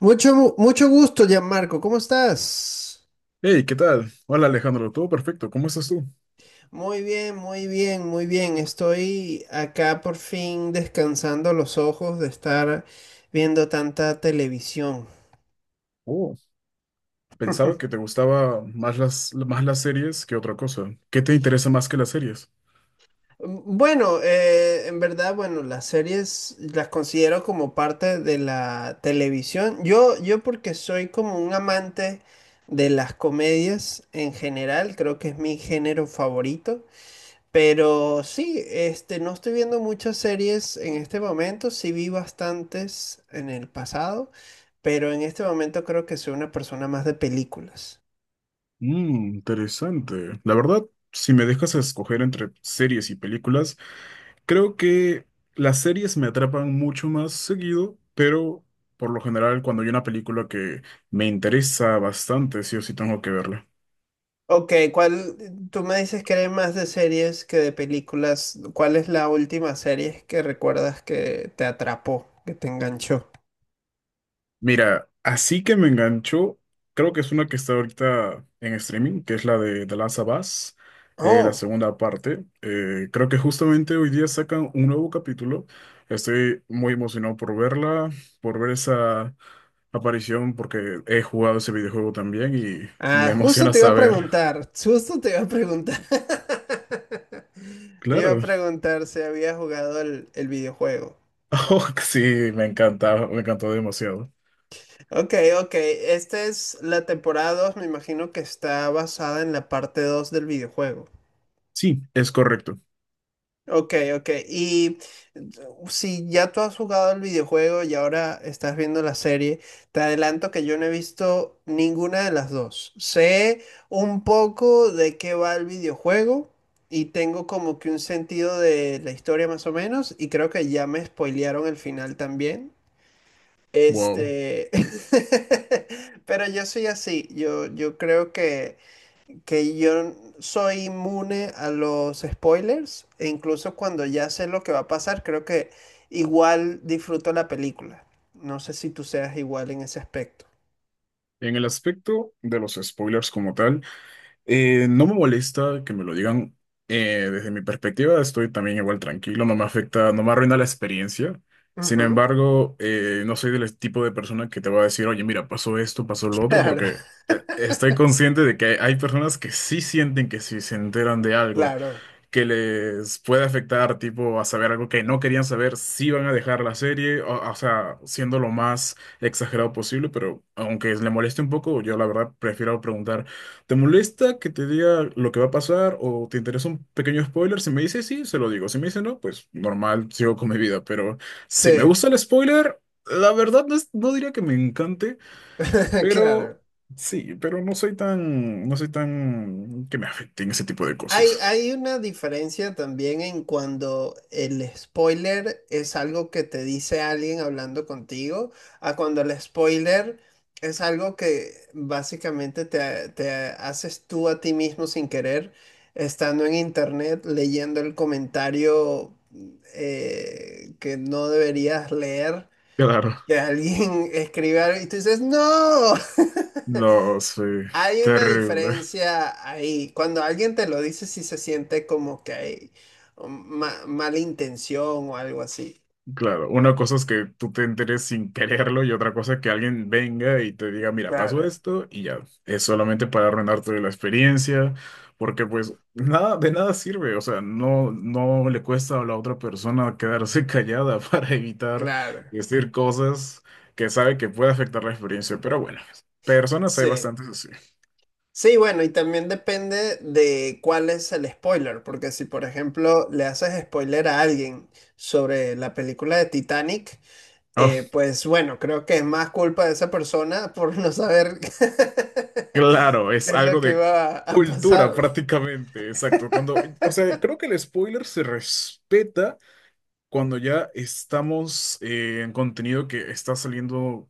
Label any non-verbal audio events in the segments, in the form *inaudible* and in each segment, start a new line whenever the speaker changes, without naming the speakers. Mucho gusto, Gianmarco. ¿Cómo estás?
Hey, ¿qué tal? Hola Alejandro, todo perfecto, ¿cómo estás tú?
Muy bien, muy bien, muy bien. Estoy acá por fin descansando los ojos de estar viendo tanta televisión.
Oh, pensaba que te gustaba más las series que otra cosa. ¿Qué te interesa más que las series?
Bueno, en verdad, bueno, las series las considero como parte de la televisión. Yo porque soy como un amante de las comedias en general, creo que es mi género favorito. Pero sí, no estoy viendo muchas series en este momento, sí vi bastantes en el pasado, pero en este momento creo que soy una persona más de películas.
Mmm, interesante. La verdad, si me dejas escoger entre series y películas, creo que las series me atrapan mucho más seguido, pero por lo general cuando hay una película que me interesa bastante, sí o sí tengo que verla.
Ok, ¿tú me dices que eres más de series que de películas? ¿Cuál es la última serie que recuerdas que te atrapó, que te enganchó?
Mira, así que me enganchó, creo que es una que está ahorita en streaming, que es la de The Last of Us, la
Oh,
segunda parte. Creo que justamente hoy día sacan un nuevo capítulo. Estoy muy emocionado por verla, por ver esa aparición, porque he jugado ese videojuego también y me
ah, justo
emociona
te iba a
saber.
preguntar, justo te iba a preguntar. *laughs* Te iba a
Claro. *laughs*
preguntar si había jugado el videojuego.
Oh, sí, me encanta, me encantó demasiado.
Ok, ok. Esta es la temporada 2, me imagino que está basada en la parte 2 del videojuego.
Sí, es correcto.
Ok, ok. Y si ya tú has jugado el videojuego y ahora estás viendo la serie, te adelanto que yo no he visto ninguna de las dos. Sé un poco de qué va el videojuego y tengo como que un sentido de la historia más o menos y creo que ya me spoilearon el final también.
Wow.
Este, *laughs* pero yo soy así, yo creo que yo soy inmune a los spoilers e incluso cuando ya sé lo que va a pasar, creo que igual disfruto la película. No sé si tú seas igual en ese aspecto.
En el aspecto de los spoilers como tal. No me molesta que me lo digan. Desde mi perspectiva, estoy también igual tranquilo, no me afecta, no me arruina la experiencia. Sin
Ujú,
embargo, no soy del tipo de persona que te va a decir, oye, mira, pasó esto, pasó lo otro,
claro,
porque
*laughs*
estoy consciente de que hay personas que sí sienten que si se enteran de algo
claro,
que les puede afectar, tipo, a saber algo que no querían saber, si van a dejar la serie, o sea, siendo lo más exagerado posible, pero aunque le moleste un poco, yo la verdad prefiero preguntar, ¿te molesta que te diga lo que va a pasar o te interesa un pequeño spoiler? Si me dice sí, se lo digo, si me dice no, pues normal, sigo con mi vida, pero
sí,
si me gusta el spoiler, la verdad no, no diría que me encante,
*laughs* claro.
pero... Sí, pero no soy tan, que me afecten ese tipo de
Hay,
cosas.
hay una diferencia también en cuando el spoiler es algo que te dice alguien hablando contigo, a cuando el spoiler es algo que básicamente te haces tú a ti mismo sin querer, estando en internet, leyendo el comentario que no deberías leer,
Claro.
que alguien *laughs* escribe algo y tú dices, ¡No! *laughs*
No, sí,
Hay una
terrible.
diferencia ahí. Cuando alguien te lo dice, si se siente como que hay mala intención o algo así.
Claro, una cosa es que tú te enteres sin quererlo y otra cosa es que alguien venga y te diga, mira, pasó
Claro,
esto y ya. Es solamente para arruinarte la experiencia, porque pues nada, de nada sirve. O sea, no, no le cuesta a la otra persona quedarse callada *laughs* para evitar
claro.
decir cosas que sabe que puede afectar la experiencia. Pero bueno, personas hay
Sí.
bastantes así.
Sí, bueno, y también depende de cuál es el spoiler, porque si por ejemplo le haces spoiler a alguien sobre la película de Titanic,
Ah,
pues bueno, creo que es más culpa de esa persona por no saber *laughs*
claro,
qué
es
es lo
algo
que
de
va a
cultura
pasar
prácticamente, exacto. Cuando, o sea, creo que el spoiler se respeta cuando ya estamos en contenido que está saliendo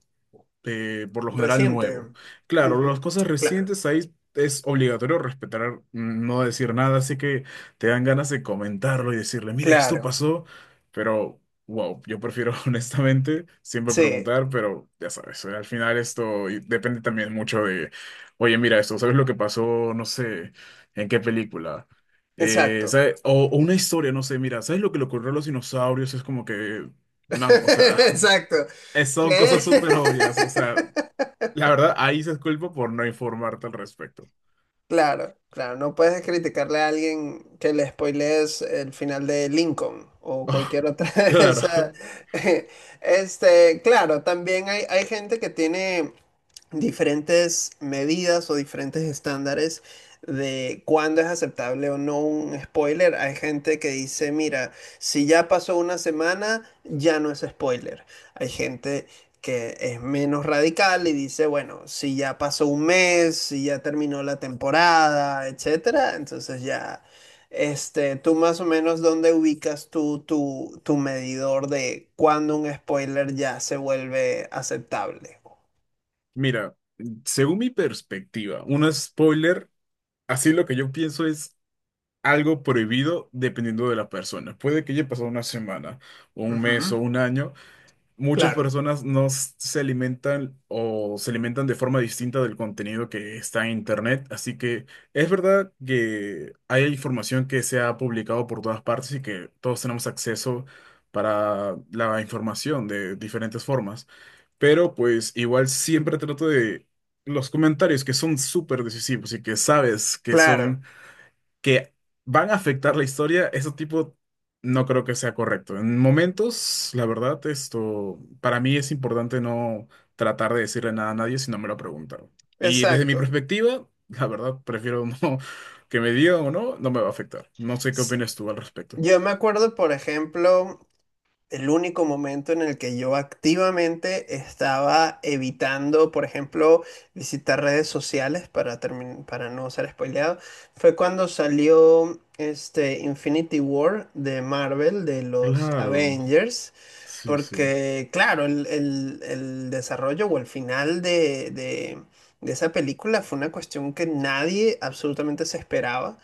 por lo general
reciente.
nuevo. Claro, las
Ujú.
cosas
Claro.
recientes ahí es obligatorio respetar, no decir nada, así que te dan ganas de comentarlo y decirle, mira, esto
Claro,
pasó, pero wow, yo prefiero *laughs* honestamente siempre
sí,
preguntar, pero ya sabes, al final esto y depende también mucho de, oye, mira esto, ¿sabes lo que pasó? No sé, ¿en qué película? Eh,
exacto.
¿sabe- O, o una historia, no sé, mira, ¿sabes lo que le ocurrió a los dinosaurios? Es como que,
*laughs*
man, o sea, *laughs*
Exacto.
Son
¿Qué?
cosas súper obvias, o
*laughs*
sea, la verdad, ahí se disculpa por no informarte al respecto.
Claro, claro, no puedes criticarle a alguien que le spoilees el final de Lincoln o
*laughs*
cualquier otra *laughs* de esa.
Claro.
*laughs* Claro, también hay gente que tiene diferentes medidas o diferentes estándares de cuándo es aceptable o no un spoiler. Hay gente que dice, mira, si ya pasó una semana, ya no es spoiler. Hay gente que es menos radical y dice, bueno, si ya pasó un mes, si ya terminó la temporada, etcétera, entonces ya, tú más o menos dónde ubicas tú tu medidor de cuándo un spoiler ya se vuelve aceptable.
Mira, según mi perspectiva, un spoiler, así lo que yo pienso es algo prohibido dependiendo de la persona. Puede que haya pasado una semana, un mes o un año. Muchas personas no s- se alimentan o se alimentan de forma distinta del contenido que está en Internet, así que es verdad que hay información que se ha publicado por todas partes y que todos tenemos acceso para la información de diferentes formas, pero pues igual siempre trato de los comentarios que son súper decisivos y que sabes que
Claro.
son que van a afectar la historia, eso tipo no creo que sea correcto. En momentos, la verdad, esto para mí es importante no tratar de decirle nada a nadie si no me lo preguntaron. Y desde mi
Exacto.
perspectiva, la verdad, prefiero *laughs* no que me digan o no, no me va a afectar. No sé qué
S-
opinas tú al respecto.
Yo me acuerdo, por ejemplo, el único momento en el que yo activamente estaba evitando, por ejemplo, visitar redes sociales para, para no ser spoileado, fue cuando salió este Infinity War de Marvel, de los
Claro,
Avengers,
sí, sí,
porque claro, el desarrollo o el final de esa película fue una cuestión que nadie absolutamente se esperaba.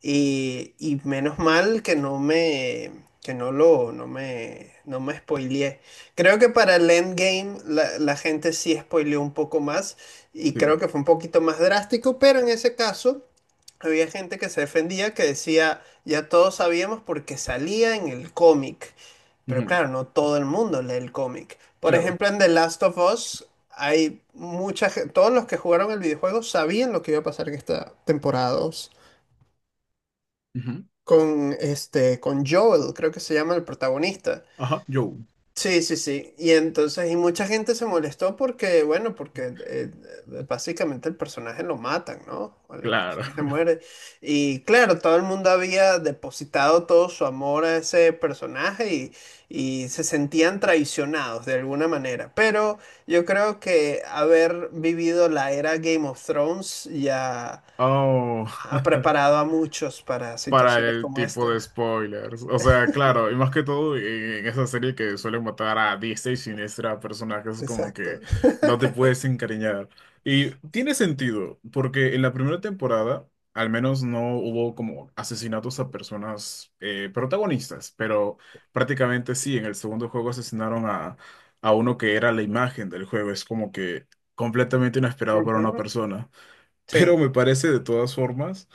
Y menos mal que no me, que no lo, no me, no me spoileé. Creo que para el endgame la gente sí spoileó un poco más y
sí.
creo que fue un poquito más drástico, pero en ese caso había gente que se defendía que decía, ya todos sabíamos porque salía en el cómic. Pero
Ujú.
claro, no todo el mundo lee el cómic. Por
Claro.
ejemplo, en The Last of Us hay mucha gente, todos los que jugaron el videojuego sabían lo que iba a pasar en esta temporada 2
Ujú.
con Joel, creo que se llama el protagonista.
Ajá, yo.
Sí, sí, sí. Y entonces, y mucha gente se molestó porque, bueno, porque básicamente el personaje lo matan, ¿no? El
Claro.
personaje
*laughs*
muere. Y claro, todo el mundo había depositado todo su amor a ese personaje y se sentían traicionados de alguna manera. Pero yo creo que haber vivido la era Game of Thrones ya
Oh.
ha
*laughs*
preparado a muchos para
Para
situaciones
el
como
tipo
esta.
de spoilers. O sea, claro, y más que todo en, esa serie que suelen matar a diestra y siniestra a personajes como
Exacto.
que no te puedes encariñar. Y tiene sentido, porque en la primera temporada al menos no hubo como asesinatos a personas protagonistas, pero prácticamente sí, en el segundo juego asesinaron a uno que era la imagen del juego. Es como que completamente
*laughs*
inesperado para una
Ujú.
persona. *laughs* Pero
Sí,
me parece de todas formas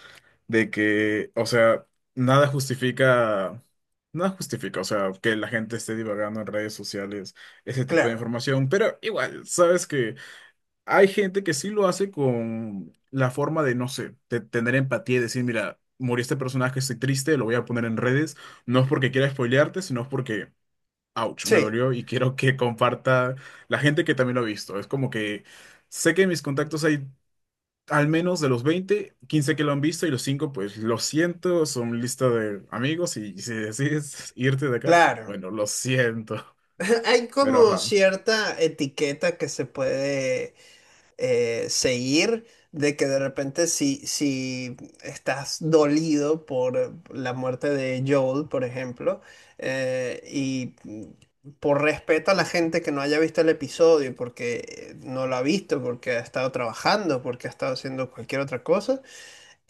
de que, o sea, nada justifica, nada justifica, o sea, que la gente esté divagando en redes sociales ese tipo de
claro.
información, pero igual, sabes que hay gente que sí lo hace con la forma de, no sé, de tener empatía y decir, mira, murió este personaje, estoy triste, lo voy a poner en redes, no es porque quiera spoilearte, sino es porque, ouch,
Sí,
me dolió y *laughs* quiero que comparta la gente que también lo ha visto, es como que... Sé que en mis contactos hay al menos de los 20, 15 que lo han visto y los 5, pues lo siento, son lista de amigos y si decides irte de acá,
claro.
bueno, lo siento.
*laughs* Hay
Pero
como
ajá,
cierta etiqueta que se puede seguir, de que de repente si, estás dolido por la muerte de Joel, por ejemplo, y por respeto a la gente que no haya visto el episodio, porque no lo ha visto, porque ha estado trabajando, porque ha estado haciendo cualquier otra cosa,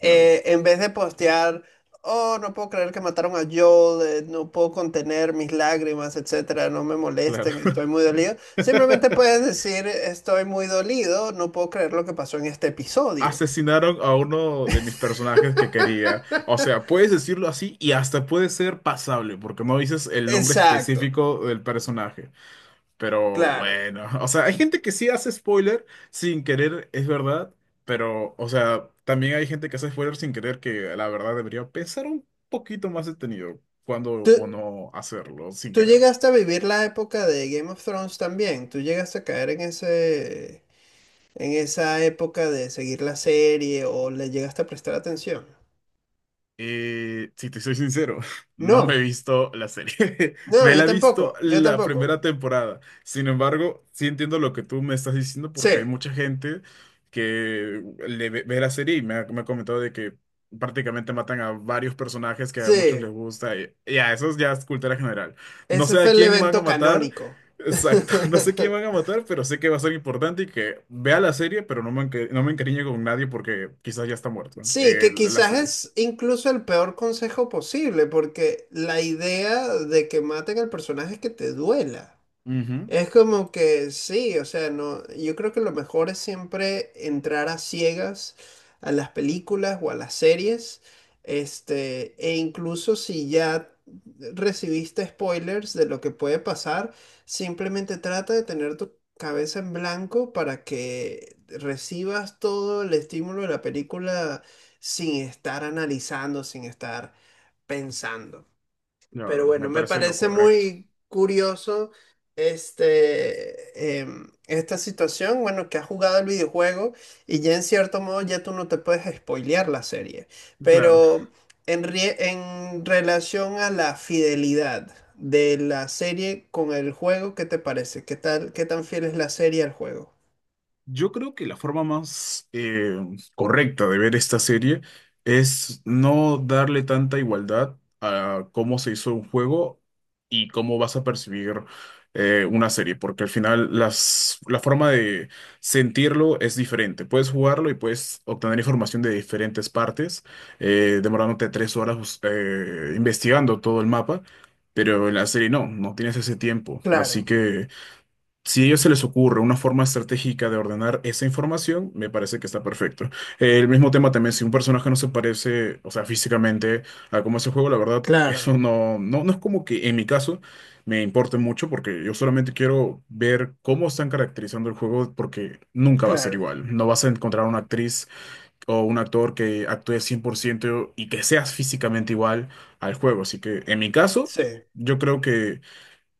claro,
en vez de postear, oh, no puedo creer que mataron a Joel, no puedo contener mis lágrimas, etcétera, no me molesten,
claro.
estoy muy dolido. Simplemente puedes
*laughs*
decir, estoy muy dolido, no puedo creer lo que pasó en este episodio.
Asesinaron a uno de mis personajes que quería. O sea, puedes decirlo así y hasta puede ser pasable, porque no dices el nombre
Exacto,
específico del personaje. Pero
claro.
bueno, *laughs* o sea, hay gente que sí hace spoiler sin querer, es verdad, pero, o sea, también hay gente que hace spoiler sin querer que la verdad debería pensar un poquito más detenido cuando
¿Tú,
o no hacerlo sin
tú
querer.
llegaste a vivir la época de Game of Thrones también? ¿Tú llegaste a caer en esa época de seguir la serie o le llegaste a prestar atención?
Si te soy sincero, *laughs* no me he
No,
visto la serie. *laughs*
no,
Me
yo
la he visto
tampoco, yo
la
tampoco.
primera temporada. Sin embargo, sí entiendo lo que tú me estás diciendo
Sí,
porque hay mucha gente que ve la serie y me ha comentado de que prácticamente matan a varios personajes que a muchos
sí.
les gusta. Y a eso ya es cultura general. No
Ese
sé a
fue el
quién van a
evento
matar.
canónico.
Exacto, *laughs* no sé quién van
*laughs*
a matar, pero sé que va a ser importante y que vea la serie, pero no me encariñe con nadie porque quizás ya está muerto
Sí, que
la
quizás
serie.
es incluso el peor consejo posible, porque la idea de que maten al personaje es que te duela. Es como que sí, o sea, no, yo creo que lo mejor es siempre entrar a ciegas a las películas o a las series, e incluso si ya recibiste spoilers de lo que puede pasar, simplemente trata de tener tu cabeza en blanco para que recibas todo el estímulo de la película sin estar analizando, sin estar pensando. Pero
Claro,
bueno,
me
me
parece lo
parece
correcto.
muy curioso esta situación, bueno, que has jugado el videojuego y ya en cierto modo ya tú no te puedes spoilear la serie,
Claro,
pero en relación a la fidelidad de la serie con el juego, ¿qué te parece? ¿Qué tal, qué tan fiel es la serie al juego?
yo creo que la forma más correcta de ver esta serie es no darle tanta igualdad a cómo se hizo un juego y cómo vas a percibir una serie, porque al final la forma de sentirlo es diferente. Puedes jugarlo y puedes obtener información de diferentes partes, demorándote 3 horas investigando todo el mapa. Pero en la serie no, no tienes ese tiempo.
Claro,
Así que si a ellos se les ocurre una forma estratégica de ordenar esa información, me parece que está perfecto. El mismo tema también, si un personaje no se parece, o sea, físicamente a cómo es el juego, la verdad, *laughs*
claro,
eso no, no, no es como que en mi caso me importe mucho, porque yo solamente quiero ver cómo están caracterizando el juego, porque nunca va a ser
claro.
igual. No vas a encontrar una actriz o un actor que actúe 100% y que seas físicamente igual al juego. Así que en mi caso,
Sí,
yo creo que...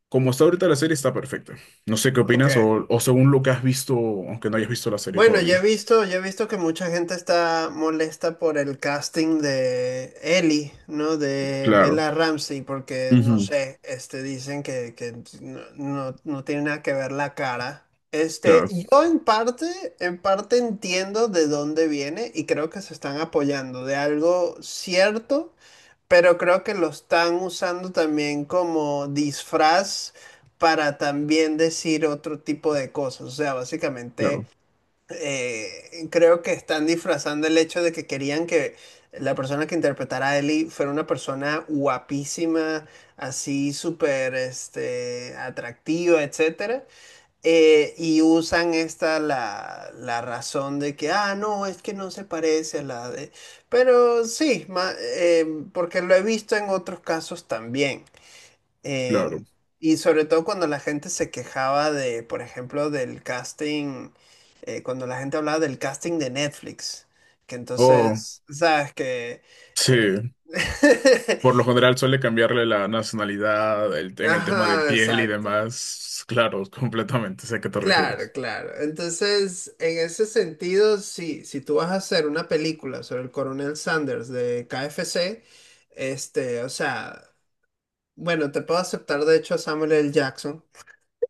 Como está ahorita la serie, está perfecta. No sé qué
ok.
opinas o, según lo que has visto, aunque no hayas visto la serie
Bueno, yo he
todavía.
visto, yo he visto que mucha gente está molesta por el casting de Ellie, ¿no? De
Claro,
Bella Ramsey, porque no
ujú,
sé, dicen que no tiene nada que ver la cara.
claro,
Yo en parte entiendo de dónde viene y creo que se están apoyando de algo cierto, pero creo que lo están usando también como disfraz para también decir otro tipo de cosas. O sea, básicamente
claro,
creo que están disfrazando el hecho de que querían que la persona que interpretara a Ellie fuera una persona guapísima, así súper atractiva, etcétera. Y usan la razón de que, ah, no, es que no se parece a la de... Pero sí, porque lo he visto en otros casos también. Em,
claro.
y sobre todo cuando la gente se quejaba de, por ejemplo, del casting, cuando la gente hablaba del casting de Netflix, que
Oh,
entonces, sabes que... eh,
sí. Por lo
*laughs*
general suele cambiarle la nacionalidad en el tema de
Ajá,
piel y
exacto.
demás. Claro, *laughs* completamente. Sé a qué te
Claro,
refieres.
claro. Entonces, en ese sentido, sí, si tú vas a hacer una película sobre el coronel Sanders de KFC, o sea, bueno, te puedo aceptar de hecho a Samuel L. Jackson.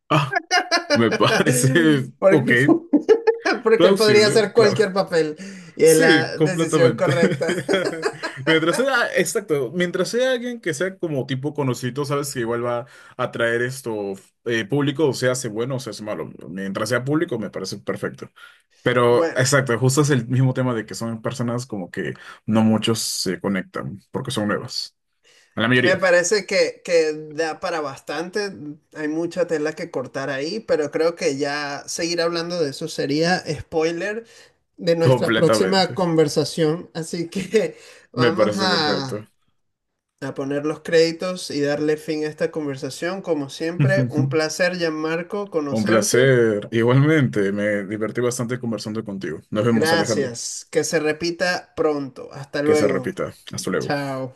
Ah, me
*laughs*
parece, ok,
Porque *laughs* *laughs* Porque él podría
plausible,
hacer
claro.
cualquier papel y es
Sí,
la decisión
completamente.
correcta.
*laughs*
*laughs*
Mientras sea, exacto, mientras sea alguien que sea como tipo conocido, sabes que igual va a atraer esto público, o sea, hace bueno o se hace malo. Mientras sea público, me parece perfecto. Pero
Bueno,
exacto, justo es el mismo tema de que son personas como que no muchos se conectan porque son nuevas. La
me
mayoría,
parece que da para bastante. Hay mucha tela que cortar ahí, pero creo que ya seguir hablando de eso sería spoiler de
*laughs*
nuestra próxima
completamente.
conversación. Así que *laughs*
Me
vamos
parece
a,
perfecto.
a poner los créditos y darle fin a esta conversación. Como siempre, un
*laughs*
placer, Gianmarco,
Un
conocerte.
placer. Igualmente, me divertí bastante conversando contigo. Nos vemos, Alejandro.
Gracias. Que se repita pronto. Hasta
Que se
luego.
repita. Hasta luego.
Chao.